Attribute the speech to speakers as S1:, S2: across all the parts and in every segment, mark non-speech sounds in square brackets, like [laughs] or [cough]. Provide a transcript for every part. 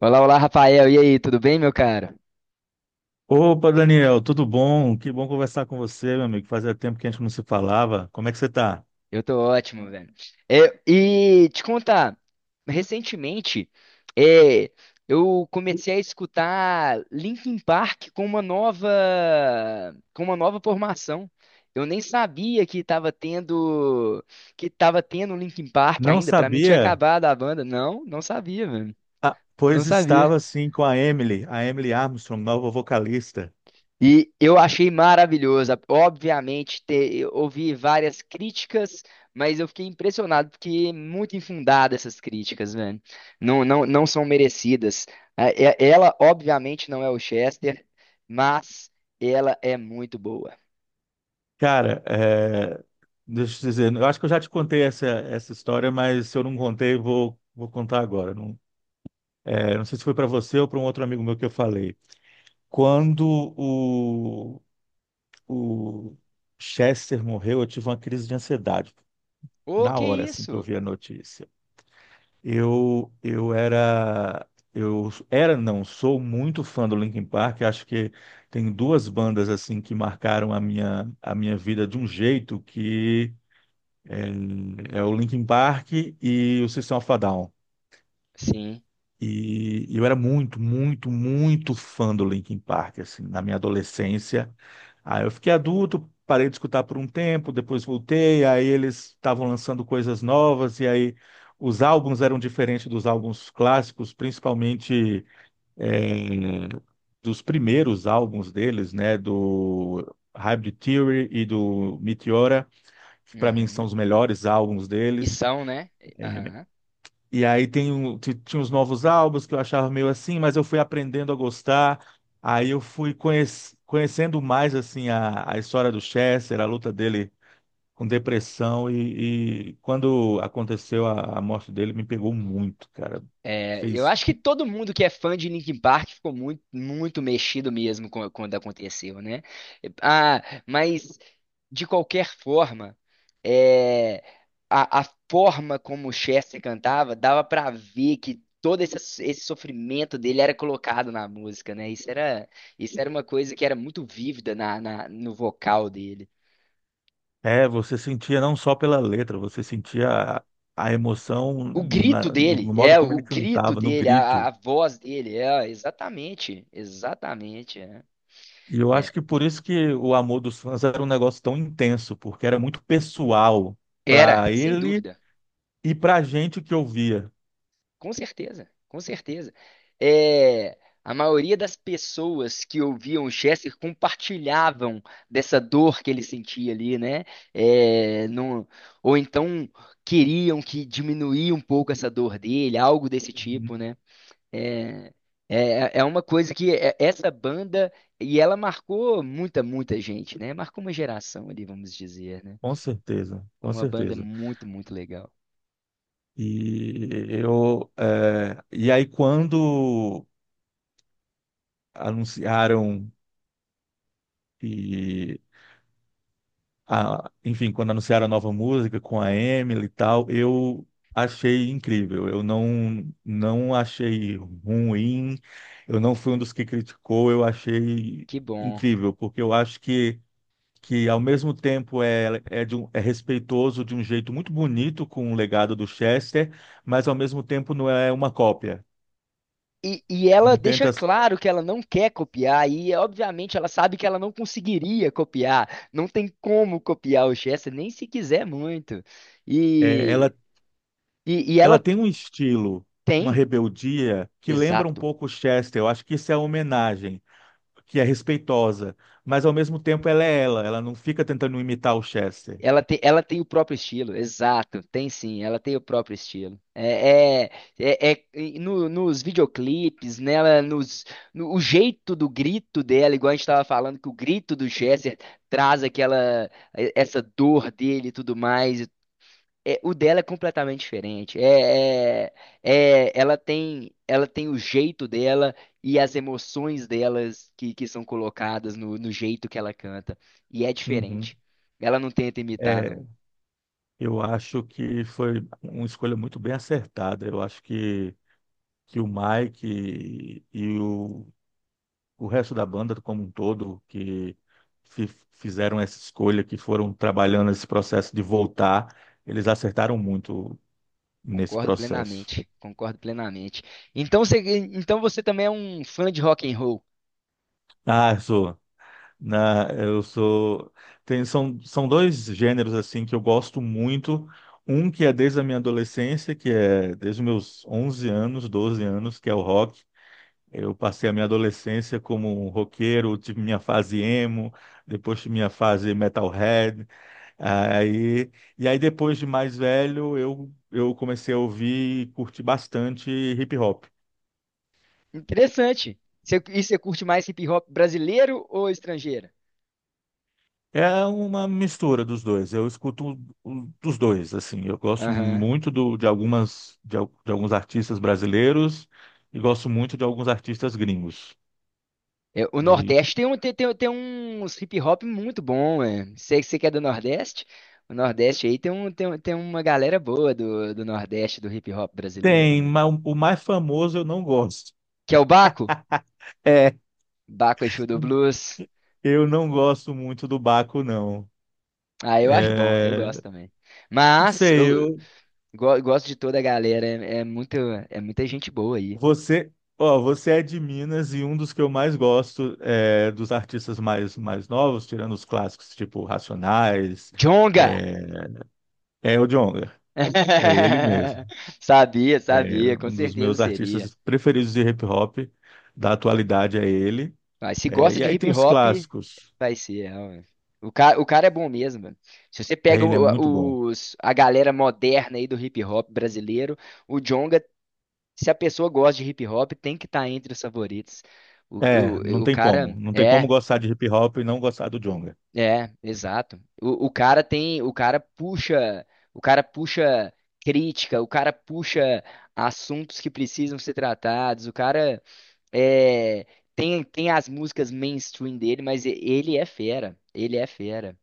S1: Olá, olá, Rafael. E aí, tudo bem, meu cara?
S2: Opa, Daniel, tudo bom? Que bom conversar com você, meu amigo. Fazia tempo que a gente não se falava. Como é que você tá?
S1: Eu tô ótimo, velho. E te contar, recentemente, é, eu comecei a escutar Linkin Park com uma nova formação. Eu nem sabia que tava tendo Linkin Park
S2: Não
S1: ainda. Pra mim tinha
S2: sabia?
S1: acabado a banda. Não, não sabia, velho.
S2: Ah,
S1: Não
S2: pois
S1: sabia.
S2: estava sim com a Emily Armstrong, nova vocalista.
S1: E eu achei maravilhosa. Obviamente, eu ouvi várias críticas, mas eu fiquei impressionado, porque é muito infundada essas críticas, velho. Não, não, não são merecidas. Ela, obviamente, não é o Chester, mas ela é muito boa.
S2: Cara, é, deixa eu te dizer, eu acho que eu já te contei essa história, mas se eu não contei, vou contar agora. Não, é, não sei se foi para você ou para um outro amigo meu que eu falei. Quando o Chester morreu, eu tive uma crise de ansiedade.
S1: Ô,
S2: Na
S1: que
S2: hora assim que eu
S1: isso?
S2: vi a notícia. Eu era, não, sou muito fã do Linkin Park. Acho que tem duas bandas assim que marcaram a minha vida de um jeito que é o Linkin Park e o System of a Down.
S1: Sim.
S2: E eu era muito, muito, muito fã do Linkin Park assim, na minha adolescência. Aí eu fiquei adulto, parei de escutar por um tempo, depois voltei, aí eles estavam lançando coisas novas, e aí os álbuns eram diferentes dos álbuns clássicos, principalmente eh, dos primeiros álbuns deles, né, do Hybrid Theory e do Meteora, que para mim são
S1: Uhum.
S2: os melhores álbuns
S1: E
S2: deles.
S1: são, né? Aham.
S2: E aí tinha os novos álbuns que eu achava meio assim, mas eu fui aprendendo a gostar. Aí eu fui conhecendo mais assim a história do Chester, a luta dele com depressão e quando aconteceu a morte dele me pegou muito, cara.
S1: É, eu
S2: Fez,
S1: acho que todo mundo que é fã de Linkin Park ficou muito, muito mexido mesmo quando aconteceu, né? Ah, mas de qualquer forma, é, a forma como o Chester cantava dava pra ver que todo esse sofrimento dele era colocado na música, né? Isso era uma coisa que era muito vívida no vocal dele.
S2: você sentia não só pela letra, você sentia a, a emoção
S1: O grito
S2: na- no,
S1: dele,
S2: no modo
S1: é,
S2: como
S1: o
S2: ele
S1: grito
S2: cantava, no
S1: dele, a
S2: grito.
S1: voz dele, exatamente, exatamente, é.
S2: E eu acho
S1: É,
S2: que por isso que o amor dos fãs era um negócio tão intenso, porque era muito pessoal
S1: era,
S2: para
S1: sem
S2: ele
S1: dúvida,
S2: e para a gente que ouvia.
S1: com certeza, com certeza. É, a maioria das pessoas que ouviam o Chester compartilhavam dessa dor que ele sentia ali, né? É, ou então queriam que diminuía um pouco essa dor dele, algo desse
S2: Uhum.
S1: tipo, né? É, é uma coisa essa banda, e ela marcou muita, muita gente, né? Marcou uma geração ali, vamos dizer, né?
S2: Com certeza,
S1: É
S2: com
S1: uma banda
S2: certeza.
S1: muito, muito legal.
S2: E aí quando anunciaram que enfim, quando anunciaram a nova música com a Emily e tal, eu achei incrível. Eu não achei ruim, eu não fui um dos que criticou, eu achei
S1: Que bom.
S2: incrível, porque eu acho que ao mesmo tempo é respeitoso de um jeito muito bonito com o legado do Chester, mas ao mesmo tempo não é uma cópia.
S1: E ela
S2: Não
S1: deixa
S2: tenta,
S1: claro que ela não quer copiar, e obviamente ela sabe que ela não conseguiria copiar, não tem como copiar o Chester, nem se quiser muito.
S2: é,
S1: E,
S2: ela,
S1: e
S2: ela
S1: ela
S2: tem um estilo, uma
S1: tem,
S2: rebeldia que lembra um
S1: exato,
S2: pouco o Chester. Eu acho que isso é uma homenagem, que é respeitosa, mas ao mesmo tempo ela é ela, ela não fica tentando imitar o Chester.
S1: ela tem o próprio estilo, exato, tem sim, ela tem o próprio estilo. E nos videoclipes, nela, nos, no, o jeito do grito dela, igual a gente estava falando, que o grito do Chester traz aquela, essa dor dele e tudo mais. É, o dela é completamente diferente. Ela tem o jeito dela e as emoções delas que são colocadas no jeito que ela canta. E é
S2: Uhum.
S1: diferente. Ela não tenta imitar,
S2: É,
S1: não.
S2: eu acho que foi uma escolha muito bem acertada. Eu acho que o Mike e o resto da banda como um todo que fizeram essa escolha, que foram trabalhando esse processo de voltar, eles acertaram muito nesse
S1: Concordo
S2: processo.
S1: plenamente. Concordo plenamente. Então você, então você também é um fã de rock and roll.
S2: Ah, Zoa. Na, eu sou. Tem, são dois gêneros assim que eu gosto muito. Um que é desde a minha adolescência, que é desde os meus 11 anos, 12 anos, que é o rock. Eu passei a minha adolescência como um roqueiro, tive minha fase emo, depois tive minha fase metalhead. Aí, e aí depois de mais velho, eu comecei a ouvir e curtir bastante hip hop.
S1: Interessante. Você curte mais hip hop brasileiro ou estrangeiro?
S2: É uma mistura dos dois. Eu escuto dos dois, assim. Eu gosto muito do- de algumas de, al- de alguns artistas brasileiros e gosto muito de alguns artistas gringos.
S1: É, o Nordeste
S2: De-
S1: tem, um, tem, tem, tem uns hip hop muito bom, é. Você que é do Nordeste? O Nordeste aí tem uma galera boa do Nordeste, do hip hop brasileiro,
S2: Tem,
S1: né?
S2: mas o mais famoso eu não gosto.
S1: Que é o Baco?
S2: [laughs] É,
S1: Baco Exu do Blues.
S2: eu não gosto muito do Baco, não.
S1: Ah, eu acho bom, eu gosto
S2: É,
S1: também.
S2: não
S1: Mas
S2: sei,
S1: eu gosto de toda a galera, é muita gente boa aí.
S2: você, ó, você é de Minas e um dos que eu mais gosto é, dos artistas mais novos, tirando os clássicos, tipo Racionais,
S1: Jonga.
S2: é, é o Djonga, é ele mesmo.
S1: [laughs] Sabia,
S2: É
S1: sabia, com
S2: um dos
S1: certeza
S2: meus
S1: seria.
S2: artistas preferidos de hip hop, da atualidade é ele.
S1: Vai, se
S2: É,
S1: gosta
S2: e
S1: de
S2: aí
S1: hip
S2: tem os
S1: hop,
S2: clássicos.
S1: vai ser. É, ó, o cara é bom mesmo, mano. Se você
S2: É,
S1: pega
S2: ele é muito bom.
S1: a galera moderna aí do hip hop brasileiro, o Djonga, se a pessoa gosta de hip hop, tem que estar entre os favoritos. O,
S2: É, não
S1: o, o
S2: tem
S1: cara
S2: como. Não tem como
S1: é,
S2: gostar de hip hop e não gostar do Djonga.
S1: exato. O cara tem, o cara puxa crítica, o cara puxa assuntos que precisam ser tratados. O cara é, tem as músicas mainstream dele, mas ele é fera. Ele é fera.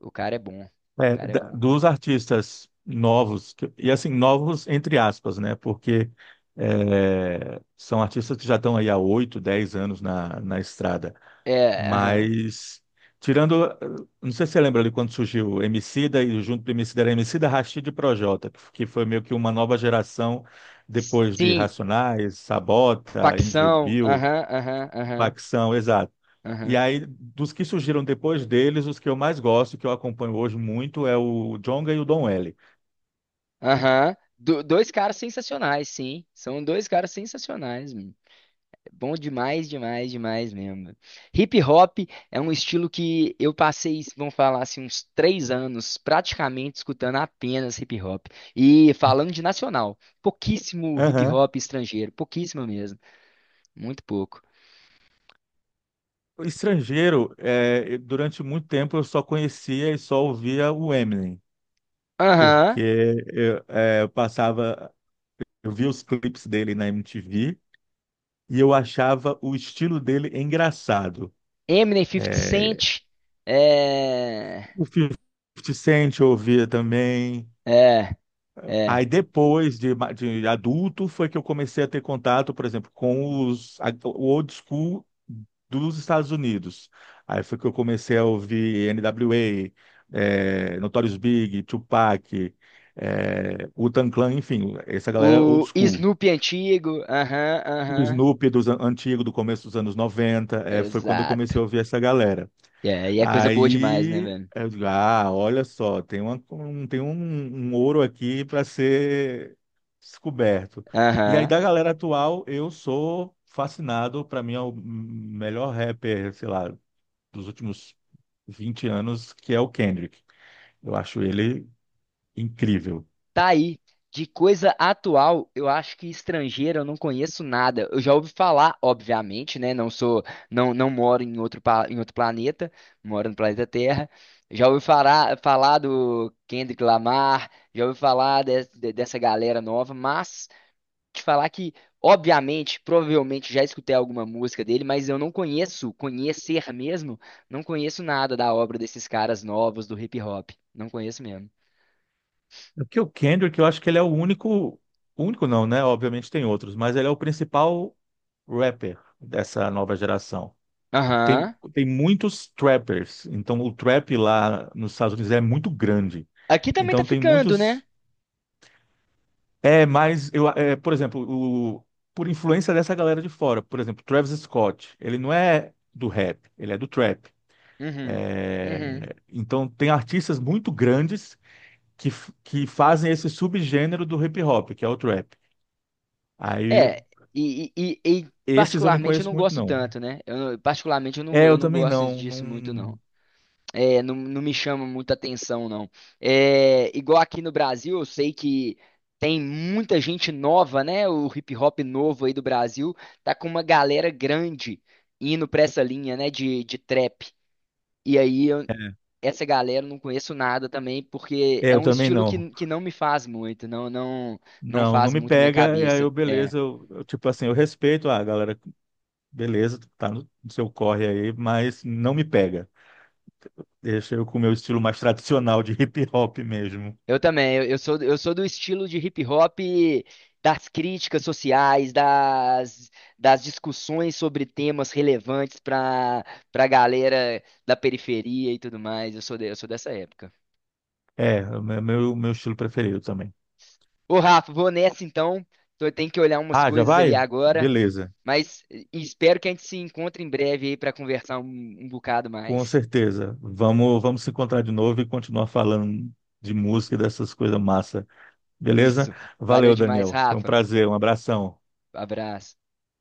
S1: O cara é bom. O
S2: É,
S1: cara é bom.
S2: dos artistas novos, que- e assim, novos entre aspas, né? Porque é, são artistas que já estão aí há 8, 10 anos na estrada.
S1: É, aham.
S2: Mas, tirando, não sei se você lembra ali quando surgiu o Emicida e junto do Emicida era Emicida, Rashid e Projota, que foi meio que uma nova geração depois de
S1: Sim,
S2: Racionais, Sabota, M V
S1: facção.
S2: Bill,
S1: Aham, aham, aham,
S2: Facção, exato. E
S1: aham,
S2: aí, dos que surgiram depois deles, os que eu mais gosto, que eu acompanho hoje muito, é o Djonga e o Don L.
S1: aham. Dois caras sensacionais, sim. São dois caras sensacionais. Bom demais, demais, demais mesmo. Hip hop é um estilo que eu passei, vamos falar assim, uns 3 anos praticamente escutando apenas hip hop. E falando de nacional, pouquíssimo hip
S2: Aham.
S1: hop estrangeiro, pouquíssimo mesmo, muito pouco.
S2: O Estrangeiro, durante muito tempo eu só conhecia e só ouvia o Eminem, porque
S1: Aham,
S2: eu passava. Eu vi os clipes dele na MTV e eu achava o estilo dele engraçado.
S1: Eminem fifty
S2: É,
S1: Cent, é.
S2: o 50 Cent eu ouvia também.
S1: É, é.
S2: Aí depois de adulto foi que eu comecei a ter contato, por exemplo, com o old school dos Estados Unidos. Aí foi que eu comecei a ouvir NWA, é, Notorious Big, Tupac, é, Wu-Tang Clan, enfim, essa galera old
S1: O
S2: school.
S1: Snoop antigo, aham,
S2: O
S1: aham,
S2: Snoopy dos antigo, do começo dos anos 90 foi quando eu
S1: exato.
S2: comecei a ouvir essa galera.
S1: É, e é coisa boa demais, né,
S2: Aí,
S1: velho?
S2: eu digo, ah, olha só, tem uma, um, tem um, um ouro aqui para ser descoberto. E aí,
S1: Aham.
S2: da galera atual, eu sou fascinado, para mim é o melhor rapper, sei lá, dos últimos 20 anos, que é o Kendrick. Eu acho ele incrível.
S1: Tá aí. De coisa atual, eu acho que estrangeira eu não conheço nada. Eu já ouvi falar, obviamente, né? Não, não moro em outro planeta, moro no planeta Terra. Já ouvi falar do Kendrick Lamar, já ouvi falar dessa galera nova, mas te falar que, obviamente, provavelmente já escutei alguma música dele, mas eu não conheço, conhecer mesmo, não conheço nada da obra desses caras novos do hip hop. Não conheço mesmo.
S2: Porque o Kendrick, eu acho que ele é o único, único não, né? Obviamente tem outros, mas ele é o principal rapper dessa nova geração. Tem,
S1: Aham.
S2: tem muitos trappers, então o trap lá nos Estados Unidos é muito grande.
S1: Aqui também tá
S2: Então tem
S1: ficando, né?
S2: muitos. É, mas eu, é, por exemplo, o, por influência dessa galera de fora, por exemplo, Travis Scott, ele não é do rap, ele é do trap.
S1: Uhum.
S2: É,
S1: Uhum.
S2: então tem artistas muito grandes que fazem esse subgênero do hip hop, que é o trap. Aí
S1: É, e
S2: esses eu não
S1: particularmente eu
S2: conheço
S1: não
S2: muito,
S1: gosto
S2: não.
S1: tanto, né? Eu, não- Particularmente eu não,
S2: É,
S1: eu
S2: eu
S1: não
S2: também
S1: gosto
S2: não.
S1: disso muito, não.
S2: Não.
S1: É, não, não me chama muita atenção, não. É, igual aqui no Brasil, eu sei que tem muita gente nova, né? O hip hop novo aí do Brasil tá com uma galera grande indo pra essa linha, né? De trap. E aí eu, essa galera eu não conheço nada também, porque
S2: É,
S1: é
S2: eu
S1: um
S2: também
S1: estilo
S2: não.
S1: que não me faz muito, não
S2: Não, não
S1: faz
S2: me
S1: muito minha
S2: pega, e aí
S1: cabeça.
S2: eu,
S1: É.
S2: beleza, eu, tipo assim, eu respeito, ah, galera, beleza, tá no seu corre aí, mas não me pega. Deixa eu com o meu estilo mais tradicional de hip hop mesmo.
S1: Eu também, eu sou do estilo de hip hop das críticas sociais, das discussões sobre temas relevantes para galera da periferia e tudo mais. Eu sou dessa época.
S2: É, o meu, meu estilo preferido também.
S1: Ô, Rafa, vou nessa então. Eu tenho que olhar umas
S2: Ah, já
S1: coisas ali
S2: vai?
S1: agora,
S2: Beleza,
S1: mas e espero que a gente se encontre em breve aí para conversar um bocado
S2: com
S1: mais.
S2: certeza. Vamos se encontrar de novo e continuar falando de música e dessas coisas massa. Beleza?
S1: Isso. Valeu
S2: Valeu,
S1: demais,
S2: Daniel. Foi um
S1: Rafa.
S2: prazer, um abração.
S1: Abraço.